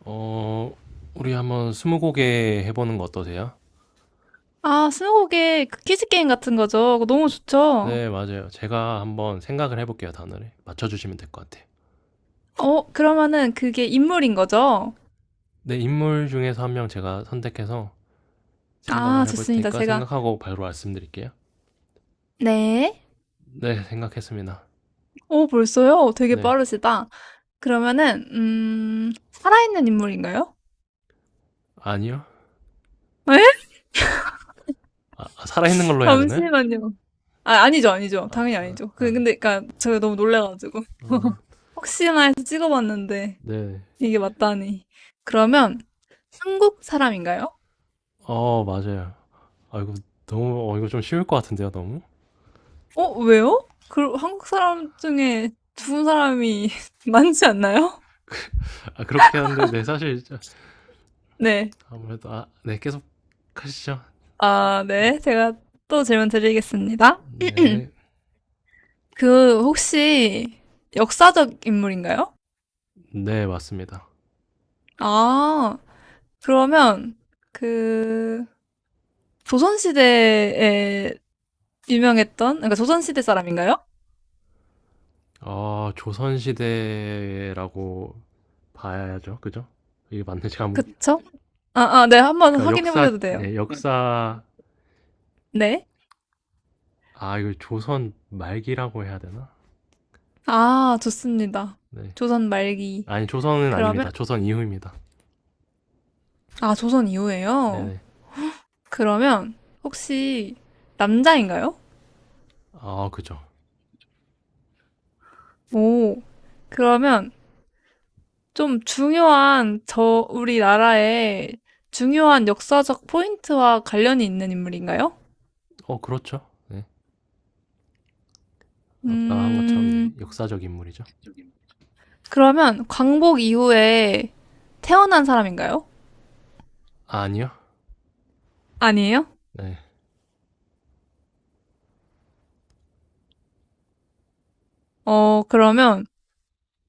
어, 우리 한번 스무고개 해보는 거 어떠세요? 아, 스무고개 그 퀴즈 게임 같은 거죠. 그거 너무 좋죠. 네, 맞아요. 제가 한번 생각을 해볼게요, 단어를. 맞춰주시면 될 것 같아요. 어, 그러면은 그게 인물인 거죠? 네, 인물 중에서 한 명 제가 선택해서 아, 생각을 해볼 좋습니다. 테니까 제가. 생각하고 바로 말씀드릴게요. 네. 네, 생각했습니다. 오, 벌써요? 되게 네, 빠르시다. 그러면은, 살아있는 인물인가요? 아니요? 에? 아, 아, 살아있는 걸로 해야 되나요? 잠시만요. 아, 아니죠, 아니죠. 아, 당연히 아, 아니죠. 그, 아, 네. 근데, 그니까, 제가 너무 놀래가지고. 어, 혹시나 해서 찍어봤는데, 네. 이게 맞다니. 그러면, 한국 사람인가요? 어, 맞아요. 아, 이거 너무, 이거 좀 쉬울 것 같은데요, 너무? 어, 왜요? 그, 한국 사람 중에 죽은 사람이 많지 않나요? 아, 그렇게 하는데, 네, 사실, 네. 아무래도, 아, 네, 계속 하시죠. 아, 네. 제가 또 질문 드리겠습니다. 네. 그, 혹시 역사적 인물인가요? 네, 맞습니다. 아, 그러면 그, 조선시대에 유명했던, 그러니까 조선시대 사람인가요? 아, 조선시대라고 봐야죠. 그죠? 이게 맞네. 그쵸? 아, 아, 네. 한번 제가 확인해 역사, 보셔도 돼요. 네, 역사, 네. 아, 이거 조선 말기라고 해야 되나? 아, 좋습니다. 네. 조선 말기. 아니, 조선은 그러면, 아닙니다. 조선 이후입니다. 아, 조선 이후에요? 네네. 그러면, 혹시 남자인가요? 아, 그죠. 오, 그러면, 좀 중요한 저 우리나라의 중요한 역사적 포인트와 관련이 있는 인물인가요? 어, 그렇죠. 네. 아까 한 것처럼, 네. 음, 역사적 인물이죠. 그러면 광복 이후에 태어난 사람인가요? 아, 니요 아니에요? 네. 어, 그러면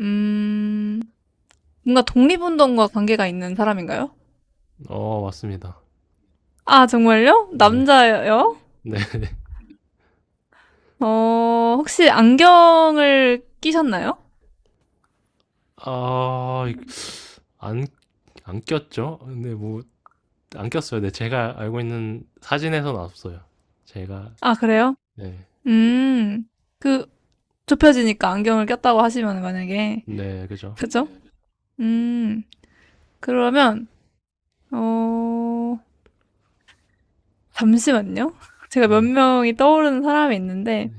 음, 뭔가 독립운동과 관계가 있는 사람인가요? 어, 맞습니다. 아, 정말요? 네. 남자예요? 네. 어, 혹시 안경을 끼셨나요? 아, 안, 안 꼈죠? 근데 뭐, 안 꼈어요. 근데 제가 알고 있는 사진에서는 없어요. 제가 아, 그래요? 네, 음, 그 좁혀지니까 안경을 꼈다고 하시면 만약에 네, 그죠. 그죠? 음. 그러면 어 잠시만요. 제가 몇 네, 명이 떠오르는 사람이 있는데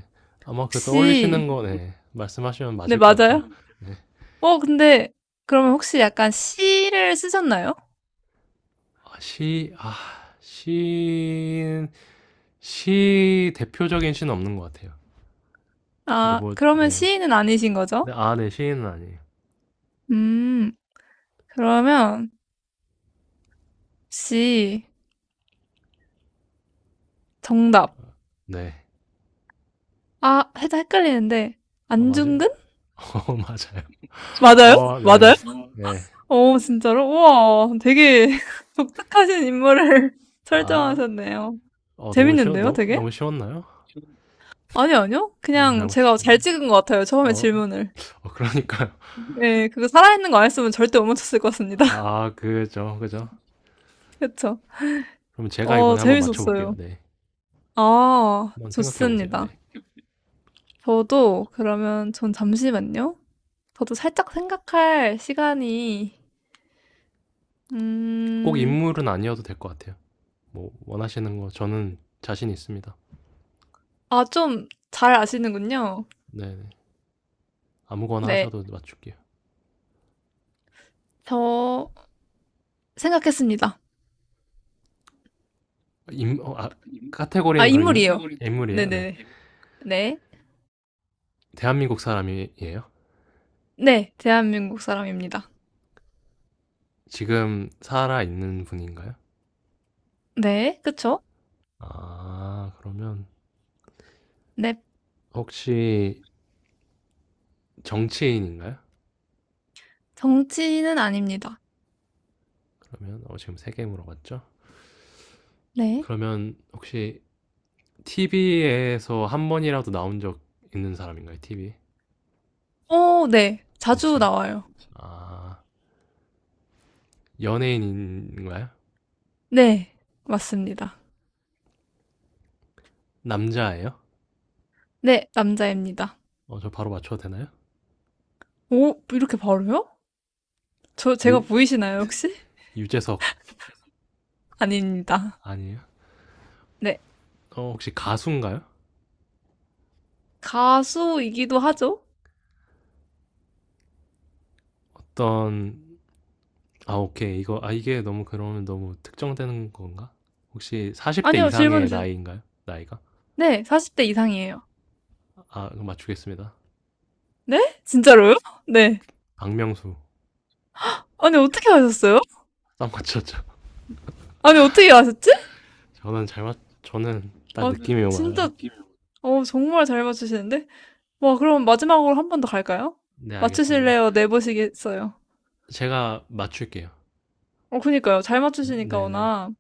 아마 그 떠올리시는 혹시 거 네, 말씀하시면 네, 맞을 것 같아요. 맞아요? 네, 어, 근데 그러면 혹시 약간 시를 쓰셨나요? 아, 시, 아, 시인, 시 대표적인 시는 없는 것 같아요. 근데 아, 뭐, 그러면 네, 시인은 아니신 네, 거죠? 아, 네, 시인은 아니에요. 음. 그러면 혹시 정답. 네, 아, 살짝 헷갈리는데 아, 맞아요. 안중근? 어, 맞아요. 맞아요? 어, 네, 맞아요? 네, 어, 진짜로? 우와, 되게 독특하신 인물을 아, 설정하셨네요. 어, 재밌는데요, 너무, 되게? 너무 쉬웠나요? 아니요, 아니요. 너무 잘 그냥 제가 잘 맞추시는데. 찍은 것 같아요. 처음에 어, 어, 질문을. 그러니까요. 예, 그거 살아있는 거 안 했으면 절대 못 맞췄을 것 같습니다. 아, 그죠, 그죠. 그쵸? 그럼 제가 어, 이번에 한번 맞춰볼게요. 재밌었어요. 네. 아, 한번 생각해 보세요. 좋습니다. 네. 저도 그러면 전 잠시만요. 저도 살짝 생각할 시간이, 꼭 음, 인물은 아니어도 될 것 같아요. 뭐 원하시는 거 저는 자신 있습니다. 아, 좀 잘 아시는군요. 네. 네. 아무거나 네. 하셔도 맞출게요. 저 생각했습니다. 인, 어, 아, 아, 카테고리는 그럼 인물이에요. 인물이에요. 네. 네네네. 네. 대한민국 사람이에요? 네, 대한민국 사람입니다. 지금 살아 있는 분인가요? 네, 그쵸? 아 그러면 네, 혹시 정치인인가요? 정치인은 아닙니다. 그러면 지금 세 개 물어봤죠? 네. 그러면 혹시 TV에서 한 번이라도 나온 적 있는 사람인가요? TV 어 네. 자주 매체? 나와요. 아, 연예인인가요? 네. 맞습니다. 남자예요? 네. 남자입니다. 어, 저 바로 맞춰도 되나요? 오 이렇게 바로요? 저 제가 유, 보이시나요 혹시? 유재석 아닙니다. 아니에요? 네. 어, 혹시 가수인가요? 가수이기도 하죠. 어떤, 아, 오케이. 이게 너무 그러면 너무 특정되는 건가? 혹시 40대 아니요. 질문 이상의 주 나이인가요? 나이가? 네. 40대 이상이에요. 아, 이거 맞추겠습니다. 네? 진짜로요? 네. 박명수. 아니 어떻게 아셨어요? 딱 맞췄죠? 아니 어떻게 아셨지? 저는 딱 아, 느낌이 진짜 와요. 어 정말 잘 맞추시는데? 와 그럼 마지막으로 한 번 더 갈까요? 네, 알겠습니다. 맞추실래요? 내보시겠어요? 제가 맞출게요. 어 그니까요. 잘 네, 맞추시니까 네. 네, 워낙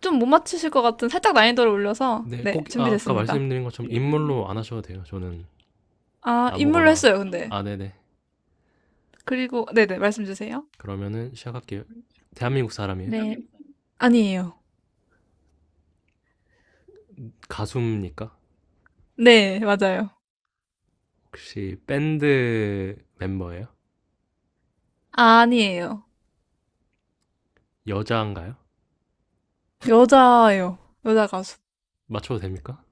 좀 못 맞추실 것 같은 살짝 난이도를 올려서 네, 네 꼭 아, 아까 준비됐습니다. 말씀드린 것처럼 인물로 안 하셔도 돼요. 저는 아 인물로 아무거나. 했어요 근데 아, 네네. 그리고 네네 말씀 주세요. 그러면은 시작할게요. 대한민국 사람이에요? 네 아니에요. 가수입니까? 네 맞아요. 혹시 밴드 멤버예요? 아, 아니에요. 여자인가요? 여자예요. 여자 가수. 맞춰도 됩니까?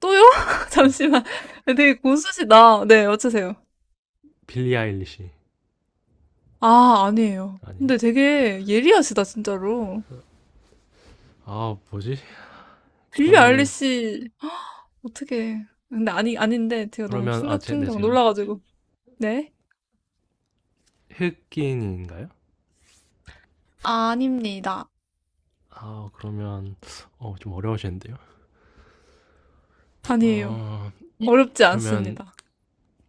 또요? 네. 잠시만. 되게 고수시다. 네 어쩌세요? 빌리 아일리시 아 아니에요. 아니에요? 근데 되게 예리하시다 진짜로. 아, 뭐지? 빌리 그러면은 아일리시 어떻게? 근데 아니 아닌데 제가 너무 그러면 아, 충격 네, 충격 제가 놀라가지고 네 흑인인가요? 아닙니다. 아, 그러면 좀 어려우시는데요. 아니에요. 어, 어렵지 그러면 않습니다.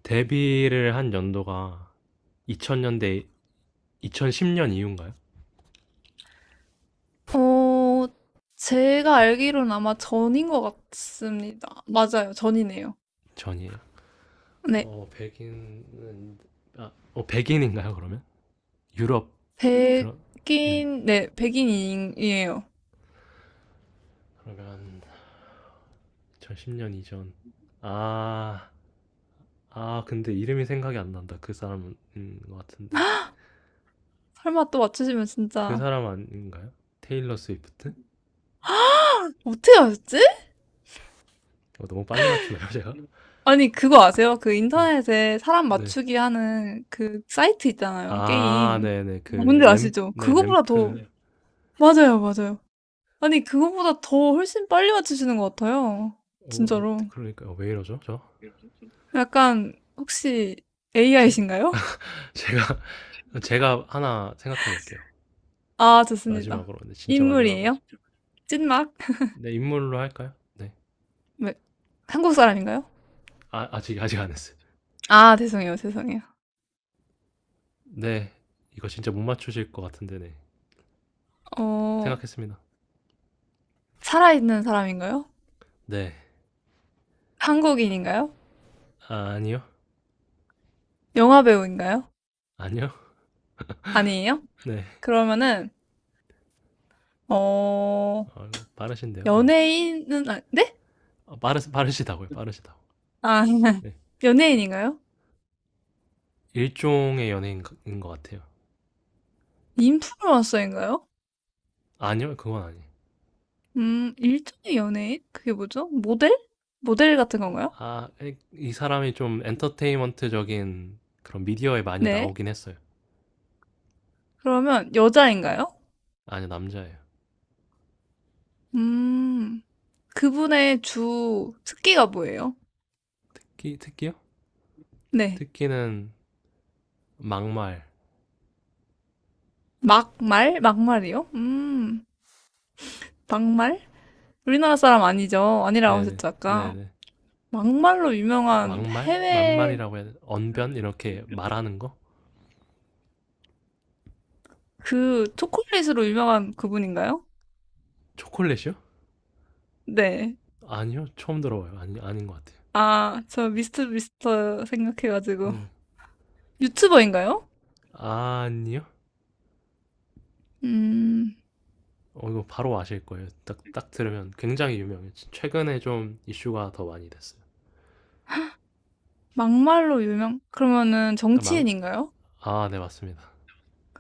데뷔를 한 연도가 2000년대 2010년 이후인가요? 어, 제가 알기로는 아마 전인 것 같습니다. 맞아요, 전이네요. 전이에요. 네, 어 백인은 어 백인인가요 그러면? 유럽 그런 네 백인, 네, 백인이에요. 그러면 2010년 이전 아, 근데 이름이 생각이 안 난다 그 사람인 것 같은데 설마 또 맞추시면 그 진짜 사람 아닌가요? 테일러 스위프트? 어떻게 아셨지? 어, 너무 빨리 맞추나요 제가? 아니, 그거 아세요? 그 네, 인터넷에 사람 네. 맞추기 하는 그 사이트 있잖아요, 아, 게임. 네네 뭔지 아시죠? 네 그거보다 더, 램프 맞아요, 맞아요. 아니, 그거보다 더 훨씬 빨리 맞추시는 것 같아요. 어, 어, 진짜로. 그러니까 왜 이러죠 저? 약간, 혹시 제, AI신가요? 제가 제가 하나 생각해 볼게요 아, 좋습니다. 마지막으로 네 진짜 마지막으로 인물이에요? 찐막? 네 인물로 할까요? 네 왜, 한국 사람인가요? 아, 아직 아직 안 했어요. 아, 죄송해요, 죄송해요. 네, 이거 진짜 못 맞추실 것 같은데네. 어, 생각했습니다. 살아있는 사람인가요? 네, 한국인인가요? 아, 니요 영화 배우인가요? 아니요. 아니에요? 네, 그러면은, 어, 아, 이거 빠르신데요. 네, 연예인은, 아, 네? 아, 빠르시다고요. 빠르시다고. 아, 네, 연예인인가요? 일종의 연예인인 것 같아요. 인플루언서인가요? 아니요, 그건 아니에요. 일종의 연예인? 그게 뭐죠? 모델? 모델 같은 건가요? 아, 이 사람이 좀 엔터테인먼트적인 그런 미디어에 많이 네. 나오긴 했어요. 그러면 여자인가요? 아니 남자예요. 음, 그분의 주 특기가 뭐예요? 특기 특기요? 네. 특기는 막말. 막말? 막말이요? 막말? 우리나라 사람 아니죠? 아니라고 네네 하셨죠, 아까. 네네. 막말로 유명한 막말 해외 만말이라고 해야 돼. 언변 이렇게 말하는 거? 그 초콜릿으로 유명한 그분인가요? 초콜릿이요? 네. 아니요, 처음 들어봐요. 아니, 아닌 것 같아요. 아, 저 미스터 생각해가지고. 네. 유튜버인가요? 아니요? 음, 어, 이거 바로 아실 거예요. 딱, 딱 들으면 굉장히 유명해요. 최근에 좀 이슈가 더 많이 됐어요. 막말로 유명, 그러면은 아, 정치인인가요? 아, 네, 맞습니다.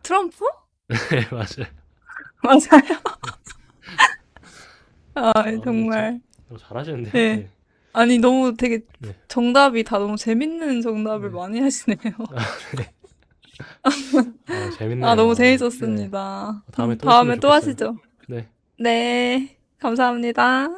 트럼프? 네, 맞아요. 맞아요. 아, 아, 근데 정말. 잘하시는데요? 네. 네. 아니, 너무 되게 네. 정답이 다 너무 재밌는 정답을 네. 많이 하시네요. 아, 아, 재밌네요. 너무 아, 네. 재밌었습니다. 다음에 또 했으면 다음에 또 좋겠어요. 하시죠. 네. 네, 감사합니다.